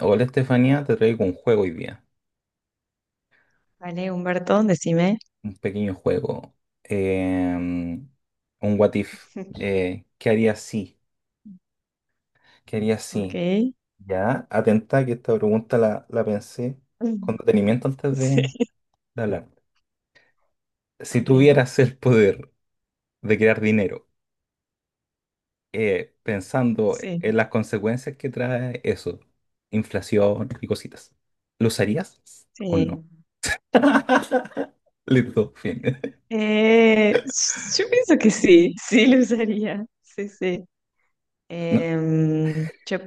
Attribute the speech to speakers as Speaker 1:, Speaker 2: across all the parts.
Speaker 1: Hola Estefanía, te traigo un juego hoy día,
Speaker 2: Vale, Humberto, decime.
Speaker 1: un pequeño juego, em, un what if. ¿Qué haría si? ¿Qué haría
Speaker 2: Ok.
Speaker 1: si? Ya, atenta que esta pregunta la pensé con
Speaker 2: Mm.
Speaker 1: detenimiento antes
Speaker 2: Sí.
Speaker 1: de hablar. Si
Speaker 2: Ok.
Speaker 1: tuvieras el poder de crear dinero, pensando
Speaker 2: Sí.
Speaker 1: en las consecuencias que trae eso, inflación y cositas, ¿lo usarías o no?
Speaker 2: Sí.
Speaker 1: Listo, fin.
Speaker 2: Eh, yo pienso que sí, sí lo usaría. Sí, sí. Em, yo-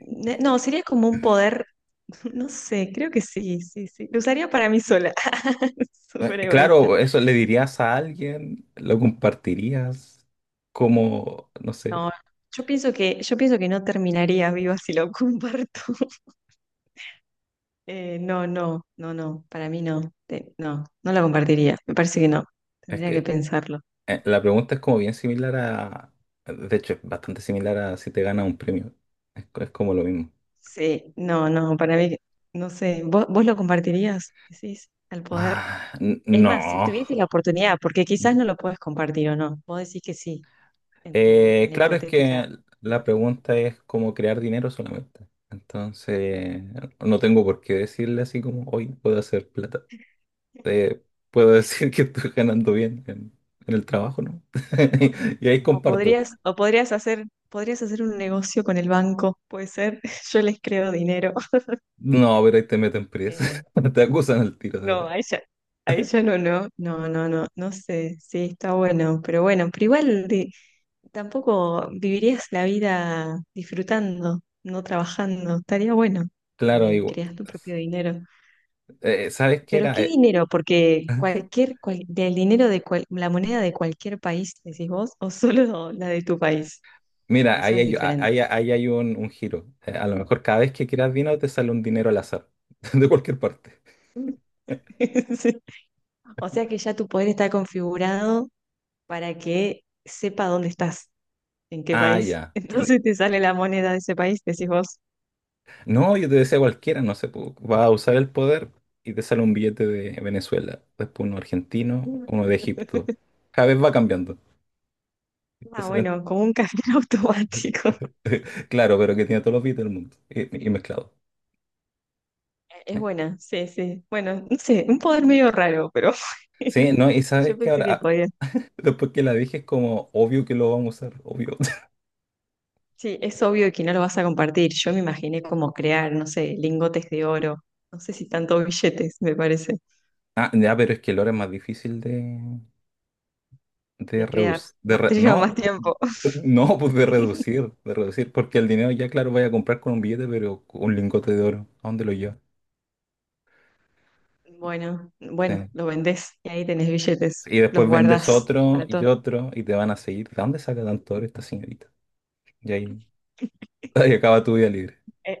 Speaker 2: no, sería como un poder, no sé, creo que sí, sí, sí. Lo usaría para mí sola. Súper egoísta.
Speaker 1: Claro, eso le dirías a alguien, lo compartirías, como, no
Speaker 2: No,
Speaker 1: sé,
Speaker 2: yo pienso que no terminaría viva si lo comparto. No, no, no, no, para mí no. No, no la compartiría, me parece que no,
Speaker 1: es
Speaker 2: tendría que
Speaker 1: que
Speaker 2: pensarlo.
Speaker 1: la pregunta es como bien similar a, de hecho, es bastante similar a si te ganas un premio, es como lo mismo.
Speaker 2: Sí, no, no, para mí, no sé, vos lo compartirías, decís, al poder?
Speaker 1: Ah, n-
Speaker 2: Es
Speaker 1: no.
Speaker 2: más, si tuvieses la oportunidad, porque quizás
Speaker 1: Mm.
Speaker 2: no lo puedes compartir o no, vos decís que sí, en
Speaker 1: Eh,
Speaker 2: la
Speaker 1: claro, es
Speaker 2: hipotética,
Speaker 1: que la
Speaker 2: hipotética-
Speaker 1: pregunta es como crear dinero solamente, entonces no tengo por qué decirle así como, hoy puedo hacer plata. Te puedo decir que estoy ganando bien en el trabajo, ¿no?
Speaker 2: o,
Speaker 1: Y ahí
Speaker 2: o
Speaker 1: comparto.
Speaker 2: podrías, o podrías hacer, podrías hacer un negocio con el banco, puede ser, yo les creo dinero.
Speaker 1: No, pero ahí te meten presa.
Speaker 2: Eh,
Speaker 1: Te acusan el tiro. Sí.
Speaker 2: No, ahí ya no, no, no, no, no, no sé, sí, está bueno, pero igual tampoco vivirías la vida disfrutando, no trabajando, estaría bueno
Speaker 1: Claro,
Speaker 2: también,
Speaker 1: igual.
Speaker 2: creas tu propio dinero.
Speaker 1: ¿Sabes qué
Speaker 2: Pero
Speaker 1: era?
Speaker 2: ¿qué
Speaker 1: Eh,
Speaker 2: dinero? Porque cualquier, cual- del dinero de cual- la moneda de cualquier país, decís vos, o solo la de tu país,
Speaker 1: mira,
Speaker 2: eso es diferente.
Speaker 1: ahí hay un giro. A lo mejor cada vez que quieras dinero te sale un dinero al azar, de cualquier parte.
Speaker 2: Sí. O sea que ya tu poder está configurado para que sepa dónde estás. En qué
Speaker 1: Ah,
Speaker 2: país.
Speaker 1: ya.
Speaker 2: Entonces te sale la moneda de ese país, decís vos.
Speaker 1: No, yo te decía cualquiera, no sé, vas a usar el poder y te sale un billete de Venezuela, después uno argentino, uno de Egipto. Cada vez va cambiando.
Speaker 2: Ah, bueno, como un café automático.
Speaker 1: Claro, pero que tiene todos los beats del mundo y mezclado.
Speaker 2: Es
Speaker 1: ¿Eh?
Speaker 2: buena, sí, sí. Bueno, no sé, un poder medio raro, pero
Speaker 1: Sí, no, y sabes
Speaker 2: yo
Speaker 1: que
Speaker 2: pensé que
Speaker 1: ahora,
Speaker 2: podía.
Speaker 1: después que la dije, es como obvio que lo vamos a usar, obvio.
Speaker 2: Sí, es obvio que no lo vas a compartir. Yo me imaginé como crear, no sé, lingotes de oro. No sé si tanto billetes, me parece.
Speaker 1: Ah, ya, pero es que el oro es más difícil de
Speaker 2: De crear.
Speaker 1: reducir. De re-
Speaker 2: Te lleva
Speaker 1: no,
Speaker 2: más tiempo.
Speaker 1: no, pues de reducir, de reducir, porque el dinero ya, claro, vaya a comprar con un billete, pero con un lingote de oro, ¿a dónde lo llevas?
Speaker 2: Bueno, bueno,
Speaker 1: Sí.
Speaker 2: lo vendés y ahí tenés billetes.
Speaker 1: Y
Speaker 2: Los
Speaker 1: después vendes
Speaker 2: guardás
Speaker 1: otro
Speaker 2: para
Speaker 1: y
Speaker 2: todo.
Speaker 1: otro y te van a seguir. ¿De dónde saca tanto oro esta señorita? Y ahí acaba tu vida libre.
Speaker 2: Eh,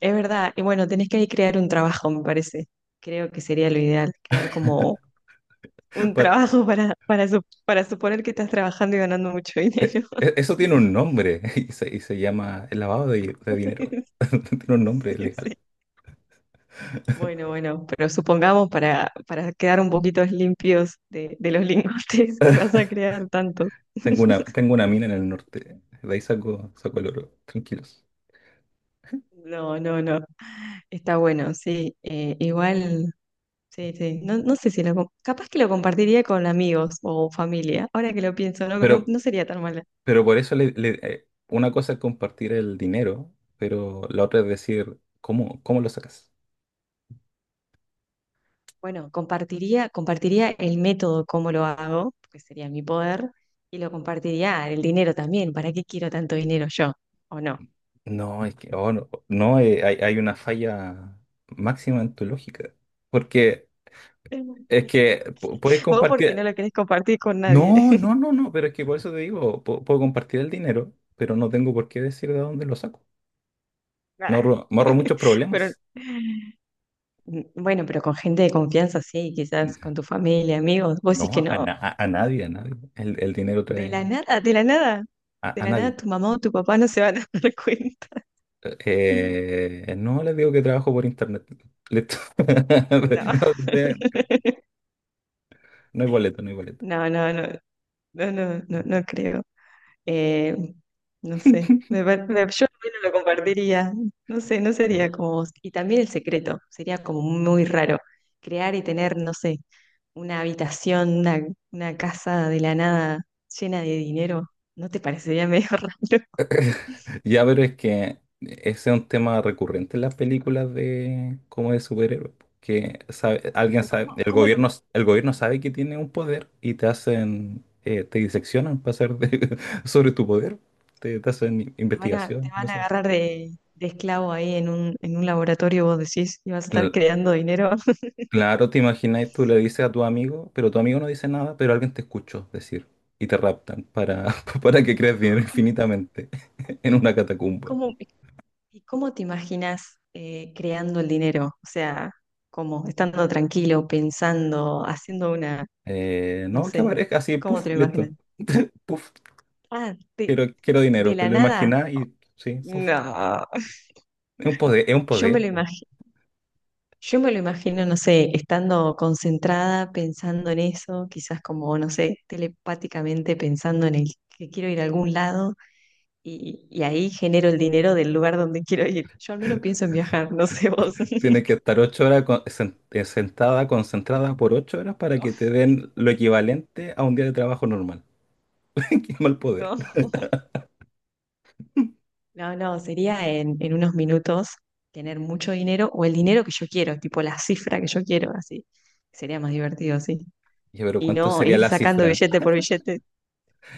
Speaker 2: Es verdad, y bueno, tenés que ahí crear un trabajo, me parece. Creo que sería lo ideal, crear como un trabajo para suponer que estás trabajando y ganando mucho
Speaker 1: E-
Speaker 2: dinero.
Speaker 1: Eso tiene un nombre y se llama el lavado de dinero. Tiene un nombre
Speaker 2: Sí,
Speaker 1: legal.
Speaker 2: sí. Bueno, bueno, pero supongamos para quedar un poquito limpios de los lingotes que vas a crear tantos.
Speaker 1: Tengo una, tengo una mina en el norte. De ahí saco el oro. Tranquilos.
Speaker 2: No, no, no. Está bueno, sí. Igual, sí, sí. No, no sé si lo... Capaz que lo compartiría con amigos o familia. Ahora que lo pienso, no, no,
Speaker 1: Pero,
Speaker 2: no sería tan mala.
Speaker 1: pero por eso una cosa es compartir el dinero, pero la otra es decir, ¿cómo lo sacas?
Speaker 2: Bueno, compartiría el método, cómo lo hago, que sería mi poder, y lo compartiría el dinero también. ¿Para qué quiero tanto dinero yo? ¿O no?
Speaker 1: No, es que no, no, hay una falla máxima en tu lógica. Porque es que puedes
Speaker 2: Vos porque no
Speaker 1: compartir.
Speaker 2: lo querés compartir con nadie.
Speaker 1: No, no, no, no, pero es que por eso te digo, puedo, compartir el dinero, pero no tengo por qué decir de dónde lo saco. Me
Speaker 2: Nah.
Speaker 1: ahorro, me ahorro muchos
Speaker 2: Pero
Speaker 1: problemas.
Speaker 2: bueno, pero con gente de confianza, sí, quizás con tu familia, amigos. Vos
Speaker 1: No,
Speaker 2: decís que
Speaker 1: a,
Speaker 2: no.
Speaker 1: na- a- a nadie, a nadie. El dinero
Speaker 2: De la
Speaker 1: trae
Speaker 2: nada, de la nada.
Speaker 1: a,
Speaker 2: De
Speaker 1: a
Speaker 2: la
Speaker 1: nadie.
Speaker 2: nada tu mamá o tu papá no se van a dar cuenta.
Speaker 1: No les digo que trabajo por internet. Listo.
Speaker 2: No.
Speaker 1: No, no hay boleto, no hay boleto.
Speaker 2: No, no, no, no, no, no, no creo. Eh, no sé, me par- me- Yo no lo compartiría. No sé, no sería como vos. Y también el secreto, sería como muy raro. Crear y tener, no sé, una habitación, una casa de la nada llena de dinero, ¿no te parecería medio raro?
Speaker 1: Ya, pero es que ese es un tema recurrente en las películas de como de superhéroes, po, que alguien
Speaker 2: Pero
Speaker 1: sabe, el
Speaker 2: ¿cómo lo,
Speaker 1: gobierno, el gobierno sabe que tiene un poder y te hacen, te diseccionan para hacer sobre tu poder, te hacen
Speaker 2: te
Speaker 1: investigación y
Speaker 2: van a
Speaker 1: cosas así.
Speaker 2: agarrar de esclavo ahí en un laboratorio? Vos decís, y vas a estar
Speaker 1: Cl-
Speaker 2: creando dinero.
Speaker 1: Claro, te imaginas, tú le dices a tu amigo, pero tu amigo no dice nada, pero alguien te escuchó decir y te raptan para, para que creas dinero infinitamente en una catacumba.
Speaker 2: ¿Cómo, ¿Y cómo te imaginas creando el dinero? O sea, como estando tranquilo, pensando, haciendo una,
Speaker 1: Eh,
Speaker 2: no
Speaker 1: no, que
Speaker 2: sé,
Speaker 1: aparezca así,
Speaker 2: ¿cómo
Speaker 1: puff,
Speaker 2: te lo imaginas?
Speaker 1: listo. Puf.
Speaker 2: Ah, de,
Speaker 1: Quiero dinero,
Speaker 2: de
Speaker 1: te
Speaker 2: la
Speaker 1: lo
Speaker 2: nada.
Speaker 1: imaginas y sí, puf,
Speaker 2: No.
Speaker 1: es un poder, es un
Speaker 2: Yo me
Speaker 1: poder.
Speaker 2: lo
Speaker 1: Pu.
Speaker 2: imagino, yo me lo imagino, no sé, estando concentrada, pensando en eso, quizás como, no sé, telepáticamente pensando en el que quiero ir a algún lado y ahí genero el dinero del lugar donde quiero ir. Yo al menos pienso en viajar, no sé vos.
Speaker 1: Tienes que estar 8 horas sentada, concentrada por 8 horas para
Speaker 2: No,
Speaker 1: que te den lo equivalente a un día de trabajo normal. Qué mal poder.
Speaker 2: no. No, no, sería en unos minutos tener mucho dinero o el dinero que yo quiero, tipo la cifra que yo quiero, así. Sería más divertido, sí.
Speaker 1: Ya, pero
Speaker 2: Y
Speaker 1: ¿cuánto
Speaker 2: no
Speaker 1: sería
Speaker 2: ir
Speaker 1: la
Speaker 2: sacando
Speaker 1: cifra?
Speaker 2: billete por billete.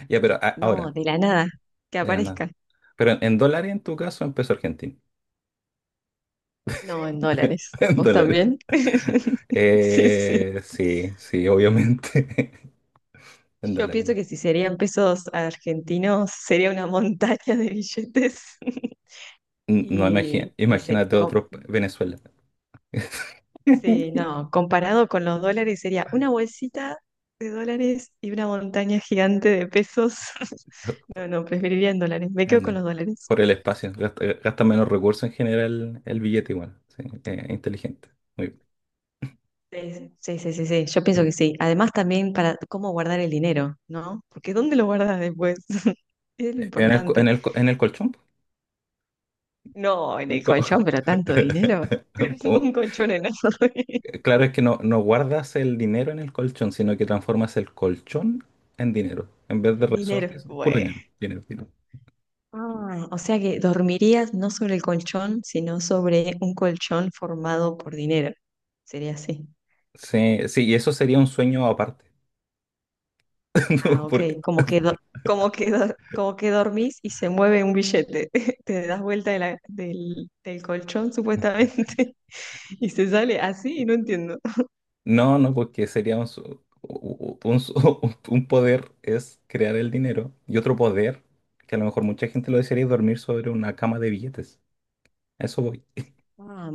Speaker 1: Ya, pero a-
Speaker 2: No,
Speaker 1: ahora,
Speaker 2: de la nada, que
Speaker 1: de la nada.
Speaker 2: aparezca.
Speaker 1: Pero en dólares, en tu caso, en peso argentino.
Speaker 2: No, en dólares.
Speaker 1: En
Speaker 2: ¿Vos
Speaker 1: dólares.
Speaker 2: también? Sí, sí.
Speaker 1: Sí, sí, obviamente. En
Speaker 2: Yo
Speaker 1: dólares.
Speaker 2: pienso que si serían pesos argentinos, sería una montaña de billetes.
Speaker 1: No,
Speaker 2: Y, y se,
Speaker 1: imagínate
Speaker 2: com-
Speaker 1: otro Venezuela.
Speaker 2: Sí, no, comparado con los dólares sería una bolsita de dólares y una montaña gigante de pesos. No, no, preferiría en dólares. Me quedo con
Speaker 1: Entiendo.
Speaker 2: los dólares.
Speaker 1: Por el espacio. Gasta menos recursos en general el billete igual. Sí, inteligente. Muy bien.
Speaker 2: Sí, sí, sí, sí, sí, yo pienso que sí. Además también para cómo guardar el dinero, ¿no? Porque ¿dónde lo guardas después? Es lo
Speaker 1: En el, co-
Speaker 2: importante.
Speaker 1: en el, co- en el colchón.
Speaker 2: No, en
Speaker 1: Un
Speaker 2: el
Speaker 1: co-
Speaker 2: colchón, pero tanto dinero.
Speaker 1: un co-
Speaker 2: Un colchón enorme.
Speaker 1: Claro, es que no, no guardas el dinero en el colchón, sino que transformas el colchón en dinero. En vez de resortes,
Speaker 2: Dinero.
Speaker 1: puro
Speaker 2: Bueno.
Speaker 1: dinero. Dinero, dinero.
Speaker 2: Ah, o sea que dormirías no sobre el colchón, sino sobre un colchón formado por dinero. Sería así.
Speaker 1: Sí, sí, y eso sería un sueño aparte.
Speaker 2: Ah, ok.
Speaker 1: Porque-
Speaker 2: Como que dormís y se mueve un billete. Te das vuelta del colchón, supuestamente, y se sale así, no entiendo.
Speaker 1: No, no, porque sería un, su- u- u- un su- un poder es crear el dinero y otro poder, que a lo mejor mucha gente lo desearía, es dormir sobre una cama de billetes. A eso voy.
Speaker 2: Ah,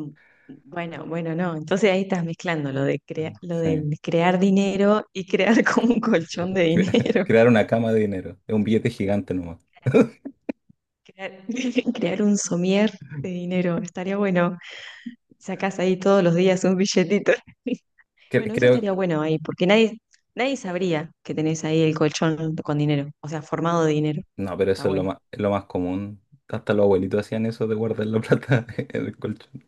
Speaker 2: bueno, bueno, no. Entonces ahí estás mezclando lo de lo
Speaker 1: Sí.
Speaker 2: del crear dinero y crear como un colchón de dinero.
Speaker 1: Crear una cama de dinero. Es un billete gigante nomás.
Speaker 2: Crear, crear un somier de dinero. Estaría bueno. Sacás ahí todos los días un billetito.
Speaker 1: Cre-
Speaker 2: Bueno, eso
Speaker 1: creo,
Speaker 2: estaría bueno ahí, porque nadie, nadie sabría que tenés ahí el colchón con dinero, o sea, formado de dinero.
Speaker 1: no, pero
Speaker 2: Está
Speaker 1: eso es lo
Speaker 2: bueno.
Speaker 1: más, es lo más común. Hasta los abuelitos hacían eso de guardar la plata en el colchón.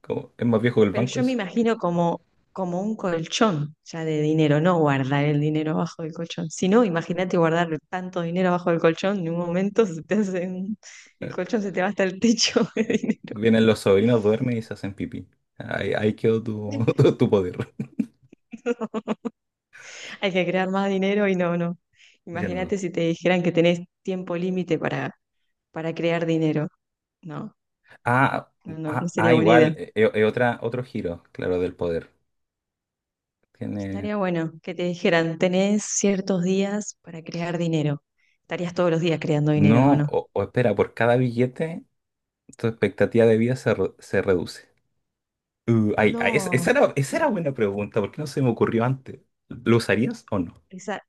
Speaker 1: Como, es más viejo que el
Speaker 2: Pero
Speaker 1: banco
Speaker 2: yo me
Speaker 1: eso.
Speaker 2: imagino como, como un colchón ya de dinero, no guardar el dinero abajo del colchón. Si no, imagínate guardar tanto dinero abajo del colchón, en un momento se te hace un- el
Speaker 1: Eh,
Speaker 2: colchón se te va hasta el techo de dinero.
Speaker 1: Vienen los sobrinos, duermen y se hacen pipí. Ahí quedó tu, tu poder.
Speaker 2: Hay que crear más dinero y no, no.
Speaker 1: Ya no.
Speaker 2: Imagínate si te dijeran que tenés tiempo límite para crear dinero. No,
Speaker 1: Ah,
Speaker 2: no, no no
Speaker 1: ah, ah,
Speaker 2: sería buena
Speaker 1: igual,
Speaker 2: idea.
Speaker 1: es otro giro, claro, del poder. Tiene.
Speaker 2: Estaría bueno que te dijeran, tenés ciertos días para crear dinero. Estarías todos los días creando dinero, ¿o
Speaker 1: No,
Speaker 2: no?
Speaker 1: o espera, por cada billete tu expectativa de vida se reduce. Ay, ay, es-
Speaker 2: No,
Speaker 1: esa era, esa era
Speaker 2: no,
Speaker 1: buena pregunta, ¿por qué no se me ocurrió antes? ¿Lo usarías o no?
Speaker 2: esa,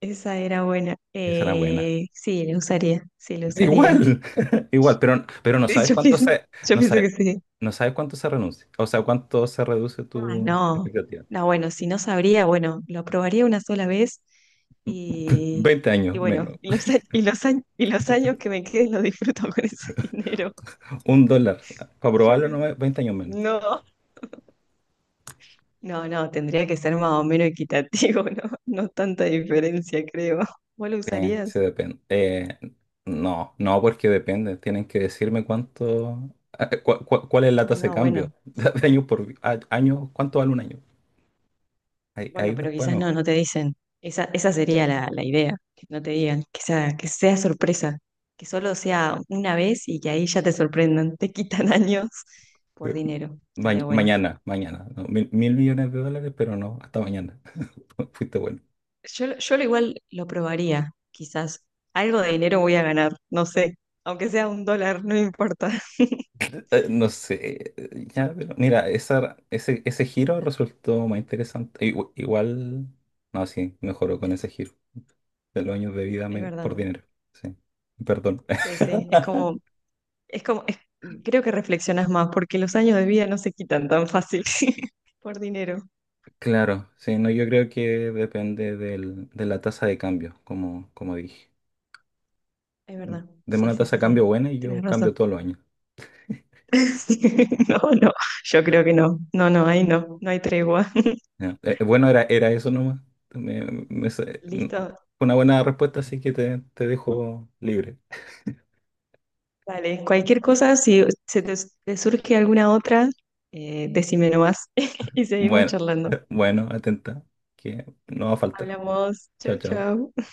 Speaker 2: esa era buena.
Speaker 1: Esa era buena.
Speaker 2: Sí, la usaría, sí, la usaría.
Speaker 1: Igual, igual, pero
Speaker 2: Sí, yo
Speaker 1: no
Speaker 2: pienso
Speaker 1: sabes,
Speaker 2: que sí.
Speaker 1: no sabes cuánto se renuncia, o sea, cuánto se reduce
Speaker 2: Ah,
Speaker 1: tu
Speaker 2: no,
Speaker 1: expectativa.
Speaker 2: no, bueno, si no sabría, bueno, lo probaría una sola vez y,
Speaker 1: 20 años menos,
Speaker 2: y los años que me queden los disfruto con ese dinero.
Speaker 1: $1, para
Speaker 2: Yo
Speaker 1: probarlo no,
Speaker 2: pienso,
Speaker 1: 20 años menos.
Speaker 2: no. No, no, tendría que ser más o menos equitativo, ¿no? No tanta diferencia, creo. ¿Vos lo
Speaker 1: Se
Speaker 2: usarías?
Speaker 1: depende. No, no, porque depende. Tienen que decirme cuál es la
Speaker 2: Ah,
Speaker 1: tasa de
Speaker 2: no,
Speaker 1: cambio.
Speaker 2: bueno.
Speaker 1: Años por año, ¿cuánto vale un año? Ahí
Speaker 2: Bueno, pero
Speaker 1: después a lo
Speaker 2: quizás no,
Speaker 1: mejor.
Speaker 2: no te dicen. Esa sería la idea, que no te digan, que sea sorpresa, que solo sea una vez y que ahí ya te sorprendan, te quitan años por
Speaker 1: Eh,
Speaker 2: dinero.
Speaker 1: ma-
Speaker 2: Estaría bueno.
Speaker 1: mañana, mañana. ¿No? Mil millones de dólares, pero no, hasta mañana. Fuiste bueno.
Speaker 2: Yo lo igual lo probaría, quizás. Algo de dinero voy a ganar, no sé. Aunque sea un dólar, no importa.
Speaker 1: No sé, ya, pero mira, ese giro resultó más interesante. Igual, no, sí, mejoró con ese giro de los años de vida
Speaker 2: Es
Speaker 1: por
Speaker 2: verdad.
Speaker 1: dinero. Sí, perdón.
Speaker 2: Sí, sí. Es como, es como, creo que reflexionas más porque los años de vida no se quitan tan fácil por dinero.
Speaker 1: Claro, sí, no, yo creo que depende de la tasa de cambio, como dije.
Speaker 2: Es verdad.
Speaker 1: Deme
Speaker 2: Sí,
Speaker 1: una
Speaker 2: sí,
Speaker 1: tasa de
Speaker 2: sí,
Speaker 1: cambio
Speaker 2: sí.
Speaker 1: buena y
Speaker 2: Tienes
Speaker 1: yo
Speaker 2: razón.
Speaker 1: cambio todos los años.
Speaker 2: No, no, yo creo que no. No, no, ahí no, no hay tregua.
Speaker 1: Ya. Bueno, era eso nomás. Me- me sa- n-
Speaker 2: Listo,
Speaker 1: fue una buena respuesta, así que te dejo libre.
Speaker 2: vale. Cualquier cosa, si se te, te surge alguna otra, decime nomás y seguimos
Speaker 1: Bueno,
Speaker 2: charlando.
Speaker 1: bueno, atenta, que no va a faltar.
Speaker 2: Hablamos.
Speaker 1: Chao,
Speaker 2: Chau,
Speaker 1: chao.
Speaker 2: chau.